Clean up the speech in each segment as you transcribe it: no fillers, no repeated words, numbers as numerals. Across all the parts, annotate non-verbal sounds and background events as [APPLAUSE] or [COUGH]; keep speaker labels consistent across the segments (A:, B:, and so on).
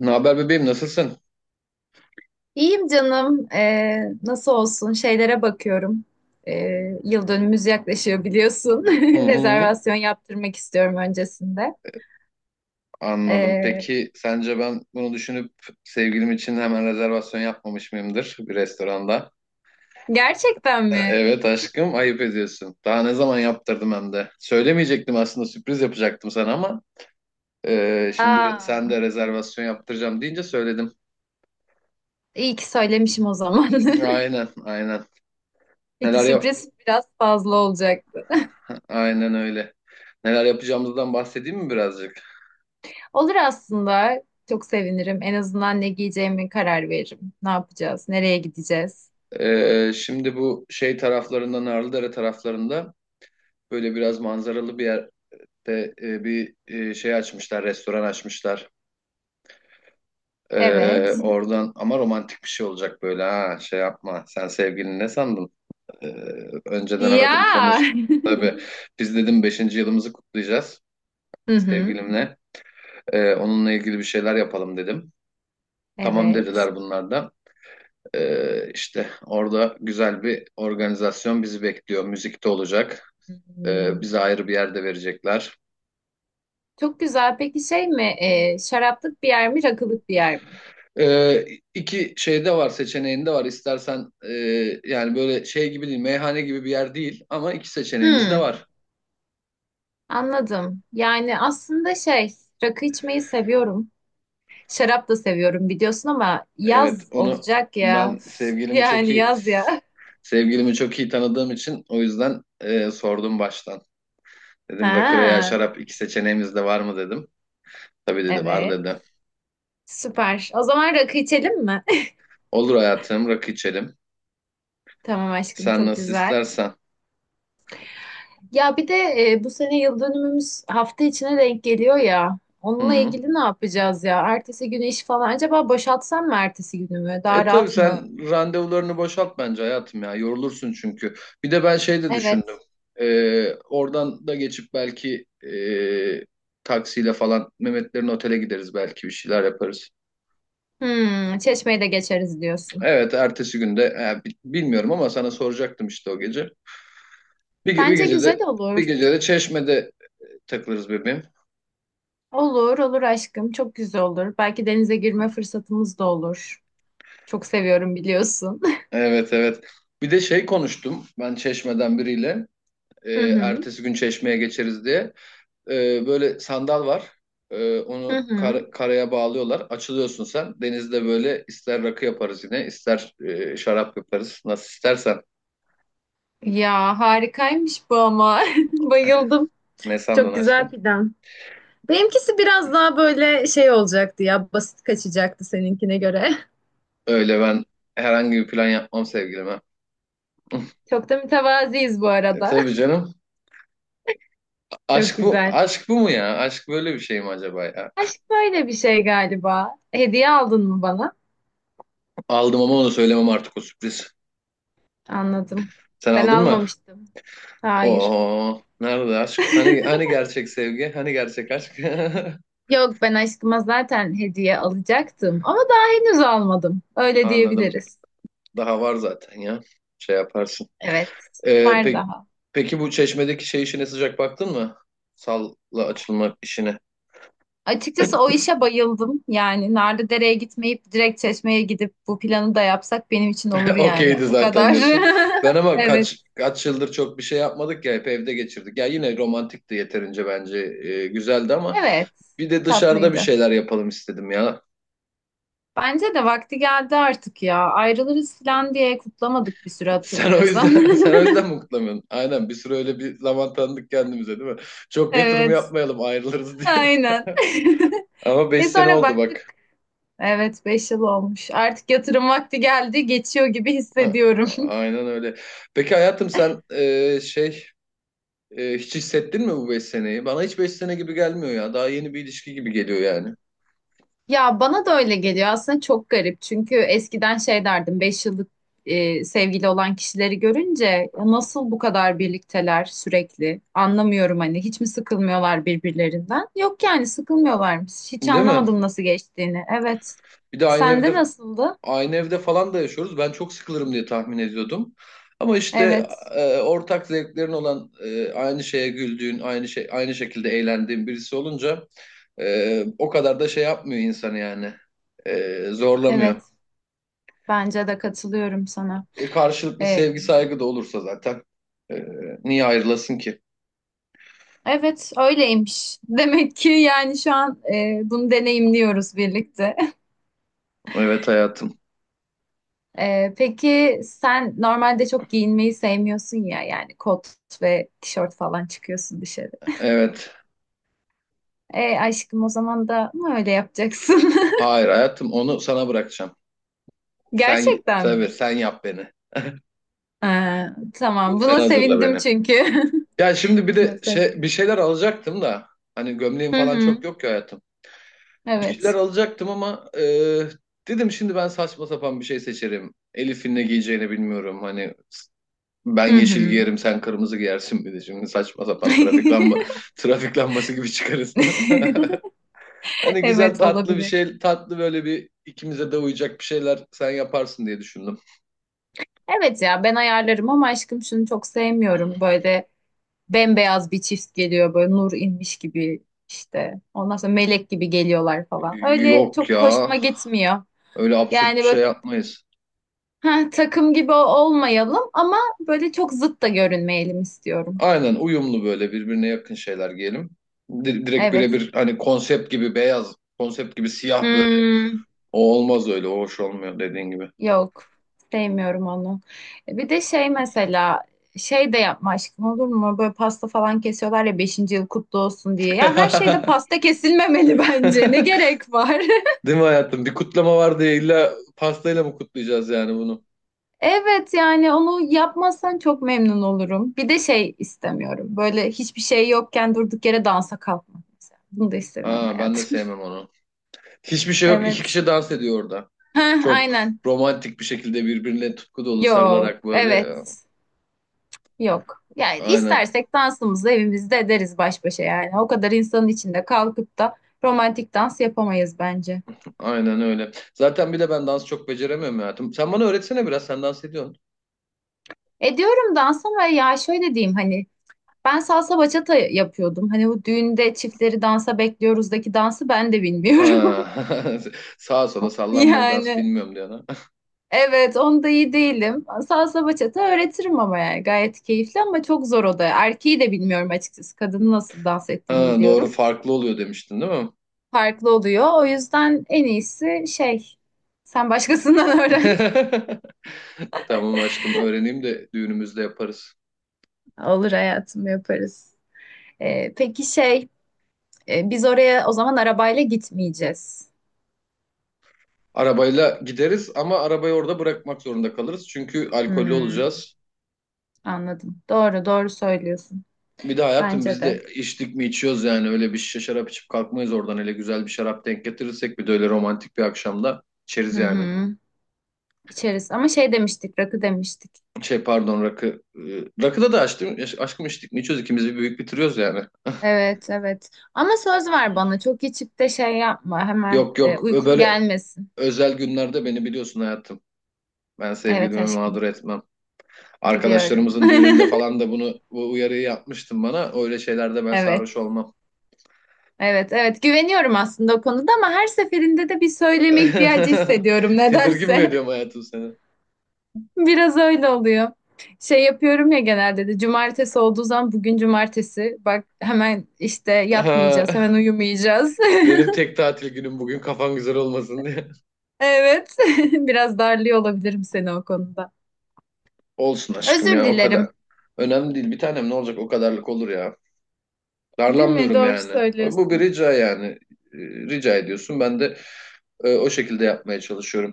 A: Ne haber bebeğim, nasılsın?
B: İyiyim canım. Nasıl olsun? Şeylere bakıyorum. Yıl dönümümüz yaklaşıyor biliyorsun.
A: Hı
B: [LAUGHS]
A: hı.
B: Rezervasyon yaptırmak istiyorum öncesinde.
A: Anladım.
B: Ee,
A: Peki sence ben bunu düşünüp sevgilim için hemen rezervasyon yapmamış mıyımdır bir restoranda?
B: Gerçekten
A: E,
B: mi?
A: Evet aşkım, ayıp ediyorsun. Daha ne zaman yaptırdım hem de. Söylemeyecektim aslında, sürpriz yapacaktım sana, ama şimdi
B: Aa,
A: sen de rezervasyon yaptıracağım deyince söyledim.
B: iyi ki söylemişim o zaman. [LAUGHS]
A: Aynen, aynen.
B: İki
A: Neler yap?
B: sürpriz biraz fazla olacaktı.
A: [LAUGHS] Aynen öyle. Neler yapacağımızdan bahsedeyim mi birazcık?
B: Olur aslında. Çok sevinirim. En azından ne giyeceğimi karar veririm. Ne yapacağız? Nereye gideceğiz?
A: Şimdi bu şey taraflarında Narlıdere taraflarında, böyle biraz manzaralı bir yerde bir açmışlar, restoran açmışlar. Hmm.
B: Evet.
A: Oradan, ama romantik bir şey olacak böyle. Ha, şey yapma, sen sevgilini ne sandın? Ee, Önceden aradım, Aa,
B: Ya.
A: konuştum
B: [LAUGHS]
A: tabii. Biz, dedim, beşinci yılımızı kutlayacağız
B: Hı hı.
A: sevgilimle. Onunla ilgili bir şeyler yapalım dedim. Tamam
B: Evet.
A: dediler bunlar da. İşte orada güzel bir organizasyon bizi bekliyor, müzik de olacak.
B: Hmm.
A: Bize ayrı bir yerde verecekler.
B: Çok güzel. Peki şey mi? Şaraplık bir yer mi, rakılık bir yer mi?
A: Ee, iki şeyde var, seçeneğinde var. İstersen, yani böyle şey gibi değil, meyhane gibi bir yer değil, ama iki seçeneğimiz de
B: Hmm,
A: var.
B: anladım. Yani aslında şey, rakı içmeyi seviyorum. Şarap da seviyorum biliyorsun ama
A: Evet,
B: yaz
A: onu
B: olacak ya.
A: ben
B: Üf,
A: sevgilimi çok
B: yani
A: iyi,
B: yaz ya.
A: sevgilimi çok iyi tanıdığım için o yüzden sordum baştan. Dedim rakı veya
B: [LAUGHS] Ha,
A: şarap, iki seçeneğimiz de var mı dedim. Tabii dedi, var
B: evet.
A: dedi.
B: Süper. O zaman rakı içelim mi?
A: Olur hayatım, rakı içelim.
B: [LAUGHS] Tamam aşkım,
A: Sen
B: çok
A: nasıl
B: güzel.
A: istersen.
B: Ya bir de bu sene yıl dönümümüz hafta içine denk geliyor ya.
A: Hı
B: Onunla
A: hı.
B: ilgili ne yapacağız ya? Ertesi günü iş falan. Acaba boşaltsam mı ertesi günümü?
A: E
B: Daha
A: tabii,
B: rahat mı?
A: sen randevularını boşalt bence hayatım ya. Yorulursun çünkü. Bir de ben şey de düşündüm.
B: Evet.
A: Oradan da geçip belki taksiyle falan Mehmetlerin otele gideriz, belki bir şeyler yaparız.
B: Hmm, Çeşme'yi de geçeriz diyorsun.
A: Evet, ertesi günde bilmiyorum, ama sana soracaktım işte o gece. Bir, ge- bir
B: Bence güzel
A: gecede bir
B: olur.
A: gecede Çeşme'de takılırız bebeğim.
B: Olur, olur aşkım. Çok güzel olur. Belki denize girme fırsatımız da olur. Çok seviyorum biliyorsun.
A: Evet, evet. Bir de şey konuştum ben Çeşme'den biriyle. E,
B: [LAUGHS] Hı hı.
A: Ertesi gün Çeşme'ye geçeriz diye. Böyle sandal var.
B: Hı
A: Onu
B: hı.
A: karaya bağlıyorlar. Açılıyorsun sen. Denizde böyle ister rakı yaparız yine, ister şarap yaparız. Nasıl istersen.
B: Ya harikaymış bu ama. [LAUGHS] Bayıldım.
A: Ne sandın
B: Çok güzel
A: aşkım?
B: plan. Benimkisi biraz daha böyle şey olacaktı ya, basit kaçacaktı seninkine göre. [LAUGHS]
A: Öyle, ben herhangi bir plan yapmam sevgilime. [LAUGHS]
B: Çok da mütevaziyiz bu
A: E,
B: arada.
A: tabii canım.
B: [LAUGHS]
A: Aşk
B: Çok
A: bu,
B: güzel.
A: aşk bu mu ya? Aşk böyle bir şey mi acaba ya?
B: Aşk böyle bir şey galiba. Hediye aldın mı bana?
A: Aldım, ama onu söylemem, artık o sürpriz.
B: Anladım.
A: Sen
B: Ben
A: aldın mı?
B: almamıştım. Hayır.
A: Oo, nerede aşk? Hani, hani gerçek sevgi? Hani gerçek aşk?
B: Yok, ben aşkıma zaten hediye alacaktım ama daha henüz almadım.
A: [LAUGHS]
B: Öyle
A: Anladım.
B: diyebiliriz.
A: Daha var zaten ya. Şey yaparsın.
B: Evet,
A: Ee,
B: var
A: peki,
B: daha.
A: peki bu Çeşme'deki şey işine sıcak baktın mı? Salla açılmak işine.
B: Açıkçası o işe bayıldım. Yani Narlıdere'ye gitmeyip direkt Çeşme'ye gidip bu planı da yapsak benim için olur
A: [LAUGHS]
B: yani.
A: Okeydi
B: O
A: zaten
B: kadar.
A: diyorsun. Ben
B: [LAUGHS]
A: ama
B: Evet.
A: kaç yıldır çok bir şey yapmadık ya, hep evde geçirdik. Ya yine romantikti yeterince bence, güzeldi, ama
B: Evet.
A: bir de dışarıda bir
B: Tatlıydı.
A: şeyler yapalım istedim ya.
B: Bence de vakti geldi artık ya. Ayrılırız falan diye kutlamadık bir süre
A: [LAUGHS] Sen o yüzden
B: hatırlıyorsan.
A: [LAUGHS] sen o yüzden mi kutlamıyorsun? Aynen, bir süre öyle bir zaman tanıdık kendimize değil mi?
B: [LAUGHS]
A: Çok yatırım
B: Evet.
A: yapmayalım ayrılırız diye.
B: Aynen.
A: [LAUGHS] Ama
B: [LAUGHS]
A: 5
B: Ve
A: sene
B: sonra
A: oldu bak.
B: baktık. Evet, 5 yıl olmuş. Artık yatırım vakti geldi, geçiyor gibi
A: [LAUGHS]
B: hissediyorum. [LAUGHS]
A: Aynen öyle. Peki hayatım sen, hiç hissettin mi bu beş seneyi? Bana hiç 5 sene gibi gelmiyor ya. Daha yeni bir ilişki gibi geliyor yani.
B: Ya bana da öyle geliyor. Aslında çok garip. Çünkü eskiden şey derdim, 5 yıllık sevgili olan kişileri görünce, "Ya nasıl bu kadar birlikteler sürekli? Anlamıyorum, hani hiç mi sıkılmıyorlar birbirlerinden?" Yok yani, sıkılmıyorlarmış. Hiç
A: Değil mi?
B: anlamadım nasıl geçtiğini. Evet.
A: Bir de aynı
B: Sende
A: evde
B: nasıldı?
A: aynı evde falan da yaşıyoruz. Ben çok sıkılırım diye tahmin ediyordum. Ama işte
B: Evet.
A: ortak zevklerin olan, aynı şeye güldüğün, aynı şekilde eğlendiğin birisi olunca o kadar da şey yapmıyor insan yani. E, zorlamıyor.
B: Evet. Bence de katılıyorum sana.
A: Karşılıklı
B: E,
A: sevgi saygı da olursa zaten, e, niye ayrılasın ki?
B: Evet, öyleymiş. [LAUGHS] Demek ki yani şu an bunu deneyimliyoruz birlikte. [LAUGHS]
A: Evet hayatım.
B: Peki, sen normalde çok giyinmeyi sevmiyorsun ya, yani kot ve tişört falan çıkıyorsun dışarı.
A: Evet.
B: E aşkım, o zaman da mı öyle yapacaksın? [LAUGHS]
A: Hayır hayatım, onu sana bırakacağım. Sen,
B: Gerçekten
A: tabii
B: mi?
A: sen yap beni.
B: Ha, tamam,
A: Sen
B: buna
A: hazırla
B: sevindim
A: beni.
B: çünkü.
A: Ya şimdi bir
B: [LAUGHS] Buna
A: de bir
B: sevindim.
A: şeyler alacaktım da, hani gömleğim
B: Hı
A: falan çok
B: hı,
A: yok ki hayatım. Bir şeyler
B: evet.
A: alacaktım, ama dedim şimdi ben saçma sapan bir şey seçerim. Elif'in ne giyeceğini bilmiyorum. Hani ben
B: Hı
A: yeşil
B: hı.
A: giyerim, sen kırmızı giyersin, bir de şimdi saçma sapan trafik
B: [LAUGHS]
A: lamba [LAUGHS] trafik lambası gibi çıkarız. [LAUGHS]
B: [LAUGHS]
A: Hani güzel
B: Evet,
A: tatlı bir
B: olabilir.
A: şey, tatlı böyle bir, ikimize de uyacak bir şeyler sen yaparsın diye düşündüm.
B: Evet ya, ben ayarlarım ama aşkım, şunu çok sevmiyorum: böyle bembeyaz bir çift geliyor, böyle nur inmiş gibi işte. Ondan sonra melek gibi geliyorlar falan. Öyle
A: Yok
B: çok
A: ya,
B: hoşuma gitmiyor.
A: öyle absürt
B: Yani
A: bir
B: böyle,
A: şey yapmayız.
B: "Heh, takım gibi olmayalım ama böyle çok zıt da görünmeyelim" istiyorum.
A: Aynen, uyumlu böyle birbirine yakın şeyler giyelim. Direkt
B: Evet.
A: birebir hani, konsept gibi beyaz, konsept gibi siyah böyle.
B: Hmm,
A: O olmaz öyle, o hoş olmuyor dediğin gibi.
B: yok. Sevmiyorum onu. Bir de şey mesela, şey de yapma aşkım, olur mu? Böyle pasta falan kesiyorlar ya, beşinci yıl kutlu olsun diye. Ya her şeyde
A: [LAUGHS]
B: pasta kesilmemeli [LAUGHS] bence. Ne gerek var? [LAUGHS]
A: Değil mi hayatım? Bir kutlama var diye illa pastayla mı kutlayacağız yani bunu?
B: Evet, yani onu yapmazsan çok memnun olurum. Bir de şey istemiyorum: böyle hiçbir şey yokken durduk yere dansa kalkmak mesela. Bunu da istemiyorum
A: Ha, ben de
B: hayatım. [LAUGHS]
A: sevmem onu. Hiçbir şey yok. İki
B: Evet.
A: kişi dans ediyor orada.
B: Heh,
A: Çok
B: aynen.
A: romantik bir şekilde birbirine tutku dolu
B: Yok.
A: sarılarak
B: Evet.
A: böyle.
B: Yok. Yani
A: Aynen,
B: istersek dansımızı evimizde ederiz baş başa yani. O kadar insanın içinde kalkıp da romantik dans yapamayız bence.
A: aynen öyle. Zaten bir de ben dans çok beceremiyorum hayatım. Sen bana öğretsene biraz. Sen dans ediyorsun.
B: Ediyorum dans ama ya şöyle diyeyim, hani ben salsa bachata yapıyordum. Hani bu düğünde çiftleri dansa bekliyoruzdaki dansı ben de
A: Ha,
B: bilmiyorum.
A: [LAUGHS] sağa sola
B: [LAUGHS]
A: sallanmalı dans
B: Yani
A: bilmiyorum diyor ana.
B: evet, onda iyi değilim. Salsa bachata öğretirim ama yani gayet keyifli ama çok zor o da. Erkeği de bilmiyorum açıkçası. Kadının nasıl dans ettiğini
A: Ha, doğru,
B: biliyorum.
A: farklı oluyor demiştin değil mi?
B: Farklı oluyor. O yüzden en iyisi şey, sen başkasından [LAUGHS] öğren.
A: [LAUGHS] Tamam aşkım, öğreneyim de düğünümüzde yaparız.
B: Olur hayatım, yaparız. Peki şey, biz oraya o zaman arabayla gitmeyeceğiz.
A: Arabayla gideriz, ama arabayı orada bırakmak zorunda kalırız. Çünkü alkollü
B: Hmm,
A: olacağız.
B: anladım. Doğru, doğru söylüyorsun.
A: Bir de hayatım
B: Bence
A: biz,
B: de.
A: de içtik mi içiyoruz yani, öyle bir şişe şarap içip kalkmayız oradan. Hele güzel bir şarap denk getirirsek, bir de öyle romantik bir akşamda, içeriz
B: Hı
A: yani.
B: hı. İçeriz ama şey demiştik, rakı demiştik.
A: Şey, pardon, rakı. e, Rakıda da açtım. Aşkım içtik mi içiyoruz, ikimiz bir büyük bitiriyoruz yani.
B: Evet, evet. Ama söz ver bana, çok içip de şey yapma. Hemen
A: Yok yok,
B: uykun
A: böyle
B: gelmesin.
A: özel günlerde beni biliyorsun hayatım. Ben
B: Evet
A: sevgilimi
B: aşkım,
A: mağdur etmem.
B: biliyorum.
A: Arkadaşlarımızın düğününde
B: [LAUGHS]
A: falan da bunu, bu uyarıyı yapmıştım bana. Öyle şeylerde ben
B: Evet,
A: sarhoş olmam.
B: evet, evet. Güveniyorum aslında o konuda ama her seferinde de bir söyleme ihtiyacı
A: [LAUGHS]
B: hissediyorum
A: Tedirgin mi
B: nedense.
A: ediyorum hayatım seni?
B: [LAUGHS] Biraz öyle oluyor. Şey yapıyorum ya, genelde de cumartesi olduğu zaman, bugün cumartesi. Bak hemen işte
A: [LAUGHS]
B: yatmayacağız, hemen
A: Aha,
B: uyumayacağız. [LAUGHS]
A: benim tek tatil günüm bugün, kafan güzel olmasın diye.
B: Evet, [LAUGHS] biraz darlıyor olabilirim seni o konuda.
A: [LAUGHS] Olsun aşkım
B: Özür
A: ya, o kadar.
B: dilerim.
A: Önemli değil bir tanem, ne olacak o kadarlık, olur ya.
B: Değil mi?
A: Darlanmıyorum
B: Doğru
A: yani. Bu bir
B: söylüyorsun.
A: rica yani. Ee, Rica ediyorsun, ben de o şekilde yapmaya çalışıyorum.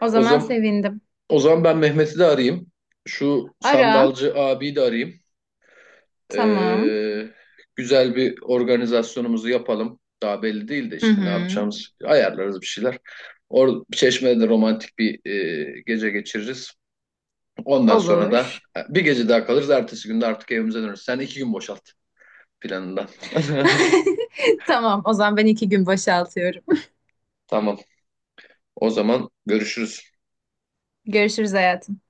B: O
A: O
B: zaman
A: zaman
B: sevindim.
A: O zaman ben Mehmet'i de arayayım. Şu
B: Ara.
A: sandalcı abiyi de arayayım.
B: Tamam.
A: Ee, Güzel bir organizasyonumuzu yapalım. Daha belli değil de
B: Hı
A: işte ne
B: hı.
A: yapacağımız, ayarlarız bir şeyler. Çeşme'de de romantik bir gece geçiririz. Ondan sonra da
B: Olur.
A: bir gece daha kalırız. Ertesi günde artık evimize döneriz. Sen iki gün boşalt planından. [LAUGHS]
B: [LAUGHS] Tamam. O zaman ben iki gün boşaltıyorum.
A: Tamam. O zaman görüşürüz.
B: [LAUGHS] Görüşürüz hayatım.